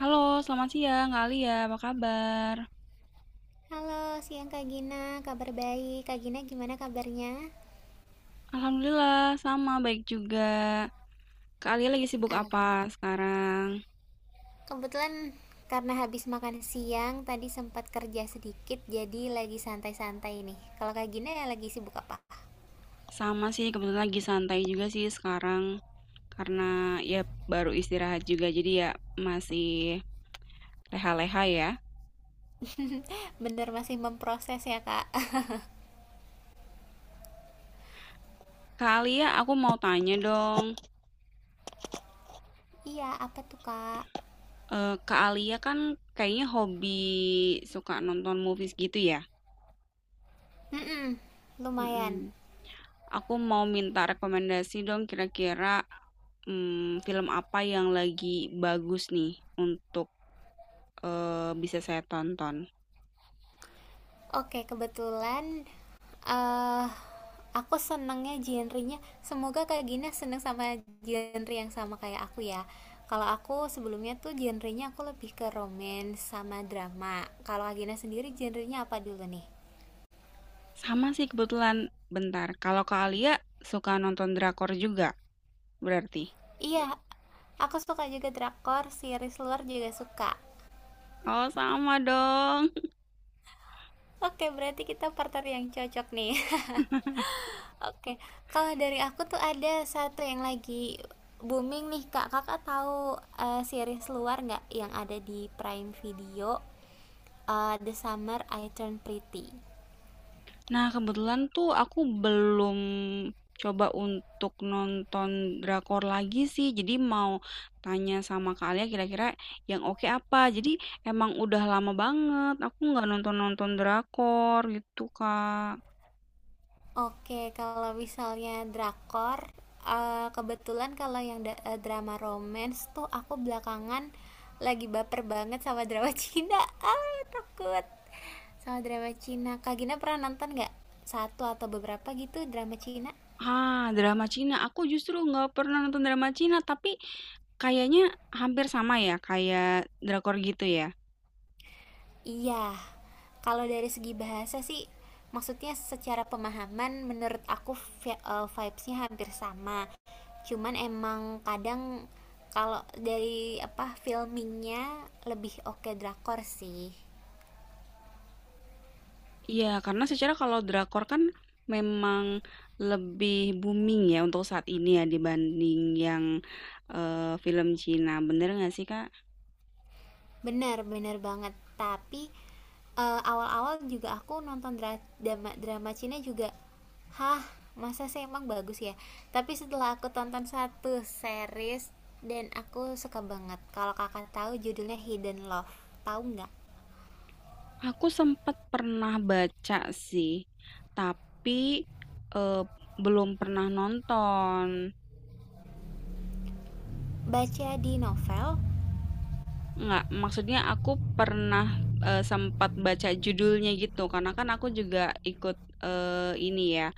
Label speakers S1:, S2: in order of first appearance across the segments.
S1: Halo, selamat siang Kak Alia, apa kabar?
S2: Halo, siang Kak Gina. Kabar baik. Kak Gina gimana kabarnya?
S1: Alhamdulillah, sama baik juga. Kak Alia lagi sibuk
S2: Ah,
S1: apa sekarang?
S2: kebetulan karena habis makan siang tadi sempat kerja sedikit jadi lagi santai-santai nih. Kalau Kak Gina ya lagi sibuk apa?
S1: Sama sih, kebetulan lagi santai juga sih sekarang. Karena ya baru istirahat juga, jadi ya masih leha-leha ya.
S2: Bener masih memproses ya, Kak?
S1: Kak Alia, aku mau tanya dong.
S2: Iya, apa tuh, Kak?
S1: Kak Alia kan kayaknya hobi suka nonton movies gitu ya?
S2: Mm-mm,
S1: Mm-mm.
S2: lumayan.
S1: Aku mau minta rekomendasi dong kira-kira film apa yang lagi bagus nih untuk, bisa saya tonton?
S2: Oke, kebetulan eh aku senengnya genrenya. Semoga Kak Gina seneng sama genre yang sama kayak aku ya. Kalau aku sebelumnya tuh genrenya aku lebih ke romance sama drama. Kalau Kak Gina sendiri genrenya apa dulu nih?
S1: Sama sih kebetulan, bentar, kalau Kak Alia suka nonton drakor juga berarti?
S2: Iya, aku suka juga drakor, series luar juga suka.
S1: Oh sama dong.
S2: Oke, berarti kita partner yang cocok nih. Oke, kalau dari aku tuh ada satu yang lagi booming nih kak. Kakak tahu series luar nggak yang ada di Prime Video The Summer I Turned Pretty.
S1: Nah kebetulan tuh aku belum coba untuk nonton drakor lagi sih, jadi mau tanya sama Kak Alia kira-kira yang oke apa. Jadi emang udah lama banget aku nggak nonton-nonton drakor gitu, Kak.
S2: Oke, kalau misalnya drakor, kebetulan kalau yang drama romance tuh aku belakangan lagi baper banget sama drama Cina. Ah, takut sama drama Cina. Kak Gina pernah nonton nggak satu atau beberapa gitu drama Cina?
S1: Ah, drama Cina, aku justru nggak pernah nonton drama Cina, tapi kayaknya hampir sama ya, kayak drakor gitu ya?
S2: Iya, kalau dari segi bahasa sih, maksudnya secara pemahaman menurut aku vibes-nya hampir sama. Cuman emang kadang kalau dari apa filmingnya lebih oke drakor sih.
S1: Iya, karena secara kalau drakor kan memang lebih booming ya untuk saat ini ya dibanding yang, film Cina, bener nggak sih, Kak?
S2: Bener, bener banget. Tapi awal-awal juga aku nonton dra- drama drama Cina juga, hah, masa sih emang bagus ya? Tapi setelah aku tonton satu series dan aku suka banget. Kalau kakak tahu judulnya Hidden Love, tahu nggak?
S1: Aku sempet pernah baca sih, tapi, eee, belum pernah nonton.
S2: Baca di novel.
S1: Enggak, maksudnya aku pernah, sempat baca judulnya gitu, karena kan aku juga ikut, ini ya,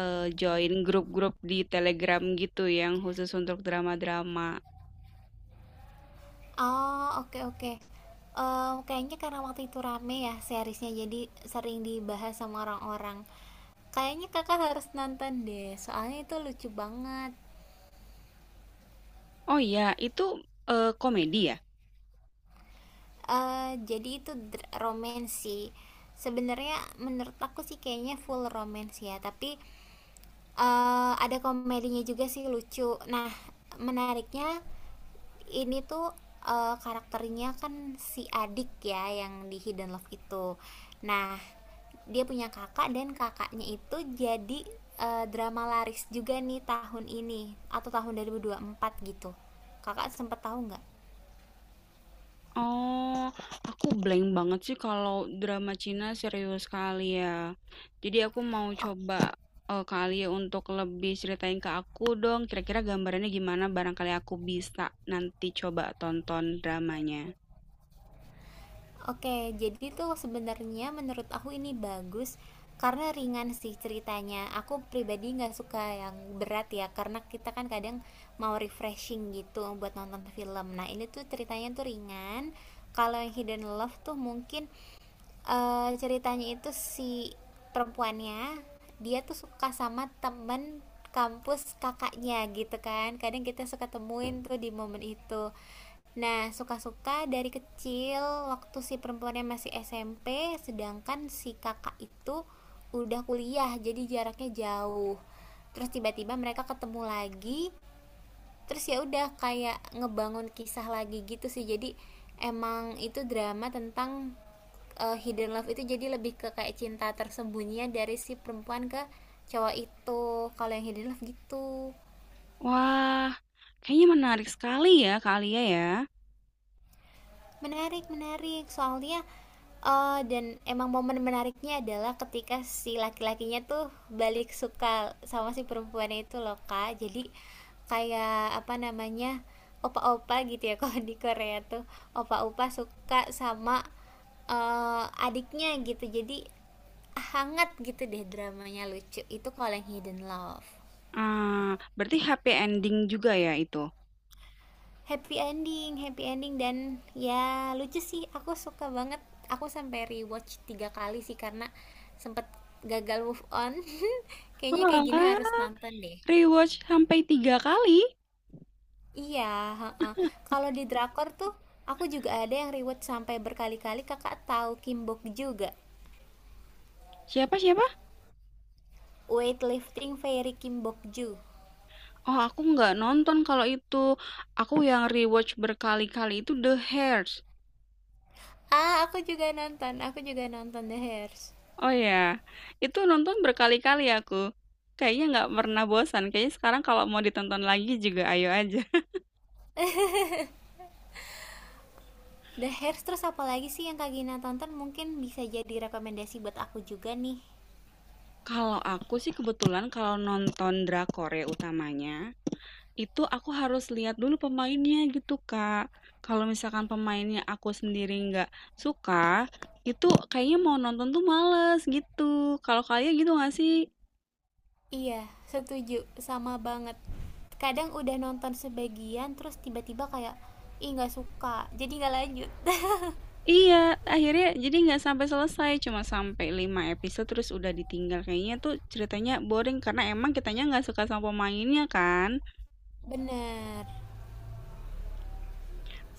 S1: join grup-grup di Telegram gitu yang khusus untuk drama-drama.
S2: Oh, oke oke. Eh, kayaknya karena waktu itu rame ya seriesnya, jadi sering dibahas sama orang-orang. Kayaknya kakak harus nonton deh, soalnya itu lucu banget.
S1: Oh iya, itu, komedi ya?
S2: Eh, jadi itu romance sih. Sebenarnya menurut aku sih kayaknya full romance ya, tapi ada komedinya juga sih lucu. Nah, menariknya ini tuh karakternya kan si adik ya yang di Hidden Love itu. Nah, dia punya kakak dan kakaknya itu jadi drama laris juga nih tahun ini atau tahun dua dua ribu dua puluh empat gitu. Kakak sempet tahu nggak?
S1: Oh, aku blank banget sih kalau drama Cina serius kali ya. Jadi aku mau
S2: Oke.
S1: coba, kali ya untuk lebih ceritain ke aku dong, kira-kira gambarannya gimana barangkali aku bisa nanti coba tonton dramanya.
S2: Oke, jadi tuh sebenarnya menurut aku ini bagus karena ringan sih ceritanya. Aku pribadi nggak suka yang berat ya, karena kita kan kadang mau refreshing gitu buat nonton film. Nah, ini tuh ceritanya tuh ringan. Kalau yang Hidden Love tuh mungkin ceritanya itu si perempuannya dia tuh suka sama temen kampus kakaknya gitu kan kadang kita suka temuin tuh di momen itu, nah suka-suka dari kecil waktu si perempuannya masih SMP sedangkan si kakak itu udah kuliah jadi jaraknya jauh, terus tiba-tiba mereka ketemu lagi, terus ya udah kayak ngebangun kisah lagi gitu sih. Jadi emang itu drama tentang hidden love itu, jadi lebih ke kayak cinta tersembunyi dari si perempuan ke cowok itu, kalau yang hidden love gitu.
S1: Wah, kayaknya menarik sekali ya, Kak Alia ya.
S2: Menarik menarik. Soalnya, dan emang momen menariknya adalah ketika si laki-lakinya tuh balik suka sama si perempuannya itu loh, Kak. Jadi kayak, apa namanya, opa-opa gitu ya kalau di Korea tuh, opa-opa suka sama, adiknya gitu. Jadi hangat gitu deh dramanya, lucu. Itu kalau yang Hidden Love.
S1: Ah, berarti happy ending juga ya itu?
S2: Happy ending, happy ending, dan ya lucu sih aku suka banget. Aku sampai rewatch 3 kali sih karena sempet gagal move on. Kayaknya kayak gini harus
S1: Wah,
S2: nonton deh.
S1: rewatch sampai 3 kali?
S2: Iya, heeh. Kalau di drakor tuh aku juga ada yang rewatch sampai berkali-kali. Kakak tahu Kim Bok juga,
S1: Siapa siapa?
S2: Weightlifting Fairy Kim Bok Ju?
S1: Oh, aku nggak nonton kalau itu. Aku yang rewatch berkali-kali itu The Hairs.
S2: Ah, aku juga nonton, aku juga nonton The Hairs.
S1: Oh ya, itu nonton berkali-kali aku. Kayaknya nggak pernah bosan. Kayaknya sekarang kalau mau ditonton lagi juga ayo aja.
S2: The Hairs, terus apa lagi sih yang Kak Gina tonton? Mungkin bisa jadi rekomendasi buat aku juga nih.
S1: Kalau aku sih kebetulan kalau nonton drakor ya utamanya. Itu aku harus lihat dulu pemainnya gitu, Kak. Kalau misalkan pemainnya aku sendiri nggak suka, itu kayaknya mau nonton tuh males gitu. Kalau kalian gitu nggak sih?
S2: Iya, setuju. Sama banget. Kadang udah nonton sebagian terus tiba-tiba kayak ih nggak suka. Jadi nggak lanjut.
S1: Iya, akhirnya jadi nggak sampai selesai, cuma sampai 5 episode terus udah ditinggal. Kayaknya tuh ceritanya boring karena emang kitanya nggak suka sama pemainnya kan.
S2: Bener.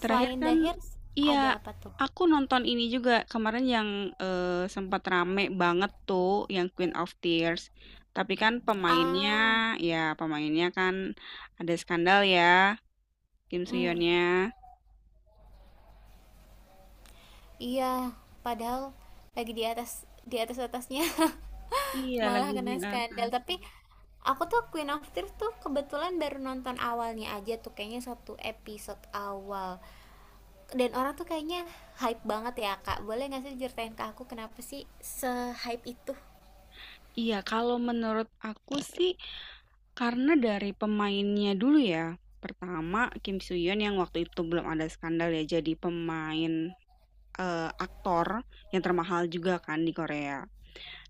S1: Terakhir
S2: The
S1: kan
S2: Hairs,
S1: iya,
S2: ada apa tuh?
S1: aku nonton ini juga kemarin yang, sempat rame banget tuh yang Queen of Tears. Tapi kan pemainnya
S2: Ah,
S1: ya pemainnya kan ada skandal ya, Kim
S2: mm,
S1: Soo-hyunnya.
S2: iya. Padahal lagi di atas, di atas atasnya
S1: Iya,
S2: malah
S1: lagi di
S2: kena skandal.
S1: atas.
S2: Tapi aku tuh Queen of Tears tuh kebetulan baru nonton awalnya aja tuh, kayaknya satu episode awal. Dan orang tuh kayaknya hype banget ya kak, boleh nggak sih ceritain ke aku kenapa sih se hype itu?
S1: Iya, kalau menurut aku sih karena dari pemainnya dulu ya. Pertama Kim Soo-hyun yang waktu itu belum ada skandal ya jadi pemain, eee, aktor yang termahal juga kan di Korea.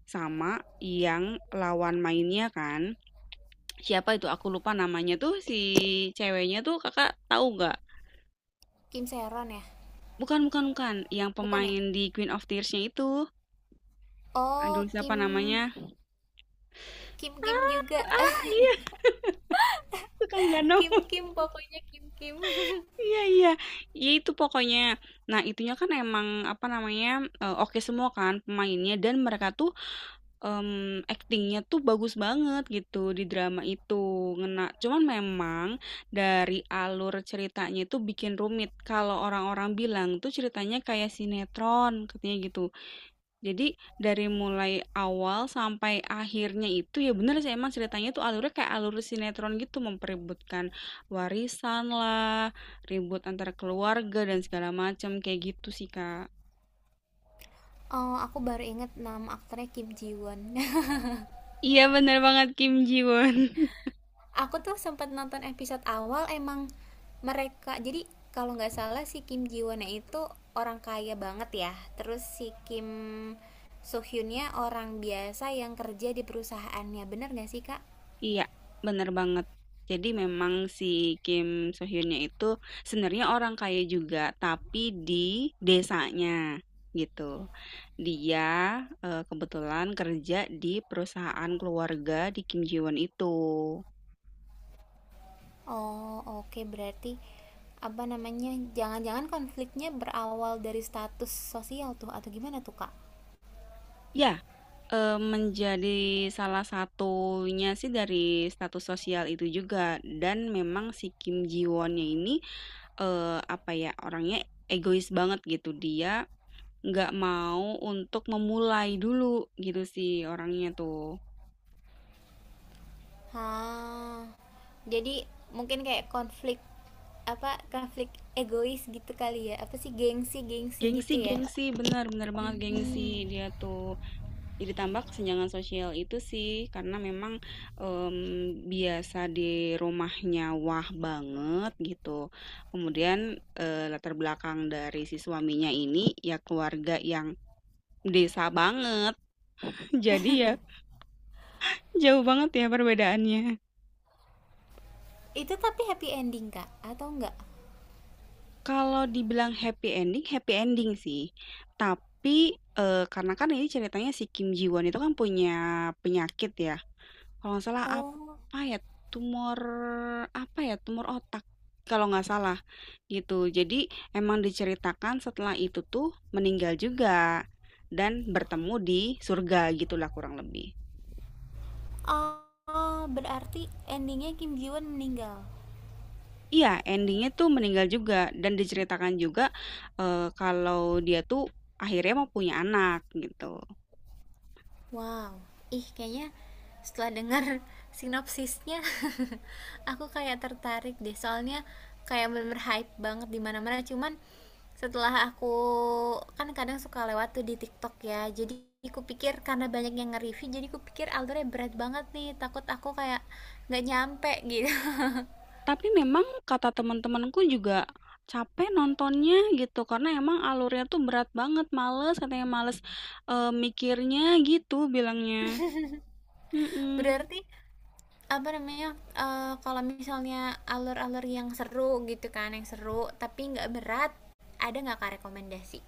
S1: Sama yang lawan mainnya kan, siapa itu aku lupa namanya tuh si ceweknya tuh Kakak tahu nggak?
S2: Kim Seron ya?
S1: Bukan bukan bukan, yang
S2: Bukan ya?
S1: pemain di Queen of Tears-nya itu. Aduh
S2: Oh,
S1: siapa
S2: Kim,
S1: namanya?
S2: Kim Kim juga.
S1: Ah ah, iya suka nggak
S2: Kim
S1: nemu.
S2: Kim pokoknya, Kim Kim.
S1: Iya iya. Ya itu pokoknya. Nah, itunya kan emang apa namanya, oke semua kan pemainnya dan mereka tuh aktingnya tuh bagus banget gitu di drama itu, ngena. Cuman memang dari alur ceritanya itu bikin rumit, kalau orang-orang bilang tuh ceritanya kayak sinetron katanya gitu. Jadi dari mulai awal sampai akhirnya itu ya bener sih emang ceritanya tuh alurnya kayak alur sinetron gitu, memperebutkan warisan lah, ribut antara keluarga dan segala macam, kayak gitu sih, Kak.
S2: Oh, aku baru inget nama aktornya, Kim Ji Won.
S1: Iya bener banget, Kim Ji Won.
S2: Aku tuh sempat nonton episode awal. Emang mereka jadi, kalau nggak salah si Kim Ji Wonnya itu orang kaya banget ya, terus si Kim So Hyunnya orang biasa yang kerja di perusahaannya, bener nggak sih kak?
S1: Iya, bener banget. Jadi memang si Kim So Hyunnya itu sebenarnya orang kaya juga, tapi di desanya gitu. Dia kebetulan kerja di perusahaan keluarga di Kim Ji Won itu.
S2: Oh, oke, berarti, apa namanya, jangan-jangan konfliknya berawal dari status sosial tuh atau gimana tuh, Kak?
S1: Ya, menjadi salah satunya sih dari status sosial itu juga. Dan memang si Kim Ji Wonnya ini eh, apa ya orangnya egois banget gitu dia Nggak mau untuk memulai dulu gitu sih orangnya tuh.
S2: Ah, jadi mungkin kayak konflik, apa, konflik egois gitu kali ya. Apa sih gengsi-gengsi
S1: Gengsi
S2: gitu ya?
S1: gengsi, bener bener banget gengsi
S2: Hmm.
S1: dia tuh. Jadi tambah kesenjangan sosial itu sih karena memang, biasa di rumahnya wah banget gitu. Kemudian, latar belakang dari si suaminya ini ya keluarga yang desa banget. Jadi ya jauh banget ya perbedaannya.
S2: Itu tapi happy ending, Kak, atau enggak?
S1: Kalau dibilang happy ending sih. Tapi, karena kan ini ceritanya si Kim Ji Won itu kan punya penyakit ya, kalau nggak salah
S2: Oh.
S1: tumor apa ya, tumor otak kalau nggak salah gitu. Jadi emang diceritakan setelah itu tuh meninggal juga dan bertemu di surga gitulah kurang lebih.
S2: Ah, berarti endingnya Kim Ji Won meninggal.
S1: Iya endingnya tuh meninggal juga dan diceritakan juga, kalau dia tuh akhirnya mau punya anak gitu.
S2: Wow, ih kayaknya setelah dengar sinopsisnya aku kayak tertarik deh. Soalnya kayak bener-bener hype banget di mana-mana. Cuman setelah aku, kan kadang suka lewat tuh di TikTok ya, jadi aku pikir karena banyak yang nge-review, jadi aku pikir alurnya berat banget nih, takut aku kayak nggak nyampe gitu.
S1: Tapi memang kata teman-temanku juga capek nontonnya gitu, karena emang alurnya tuh berat banget, males katanya, "Males, mikirnya," gitu bilangnya. Mhm.
S2: Berarti apa namanya, kalau misalnya alur-alur yang seru gitu kan, yang seru tapi nggak berat, ada nggak kak rekomendasi?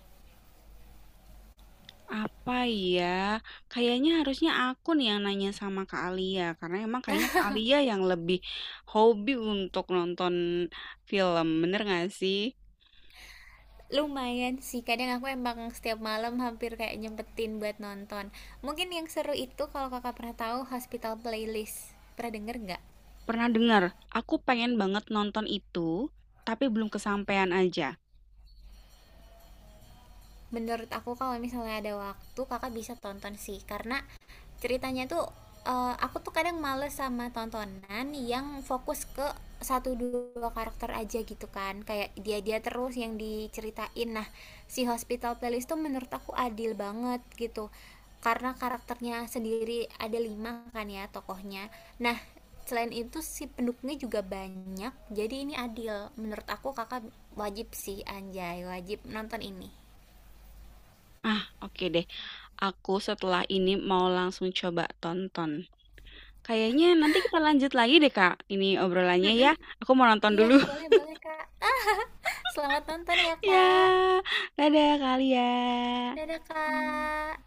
S1: Apa ya? Kayaknya harusnya aku nih yang nanya sama Kak Alia, karena emang kayaknya Kak Alia yang lebih hobi untuk nonton film, bener nggak sih?
S2: Lumayan sih, kadang aku emang setiap malam hampir kayak nyempetin buat nonton. Mungkin yang seru itu kalau kakak pernah tahu Hospital Playlist. Pernah denger nggak?
S1: Pernah dengar, "Aku pengen banget nonton itu, tapi belum kesampaian aja."
S2: Menurut aku kalau misalnya ada waktu kakak bisa tonton sih, karena ceritanya tuh aku tuh kadang males sama tontonan yang fokus ke satu dua karakter aja gitu kan, kayak dia dia terus yang diceritain. Nah, si Hospital Playlist tuh menurut aku adil banget gitu, karena karakternya sendiri ada 5 kan ya tokohnya. Nah, selain itu si pendukungnya juga banyak, jadi ini adil menurut aku. Kakak wajib sih, anjay, wajib nonton ini.
S1: Ah, oke deh. Aku setelah ini mau langsung coba tonton. Kayaknya nanti kita lanjut lagi deh, Kak, ini obrolannya
S2: Mm-mm.
S1: ya. Aku mau nonton
S2: Iya,
S1: dulu.
S2: boleh boleh Kak. Selamat nonton ya
S1: Ya,
S2: Kak.
S1: dadah Kak Lia.
S2: Dadah
S1: Hmm.
S2: Kak.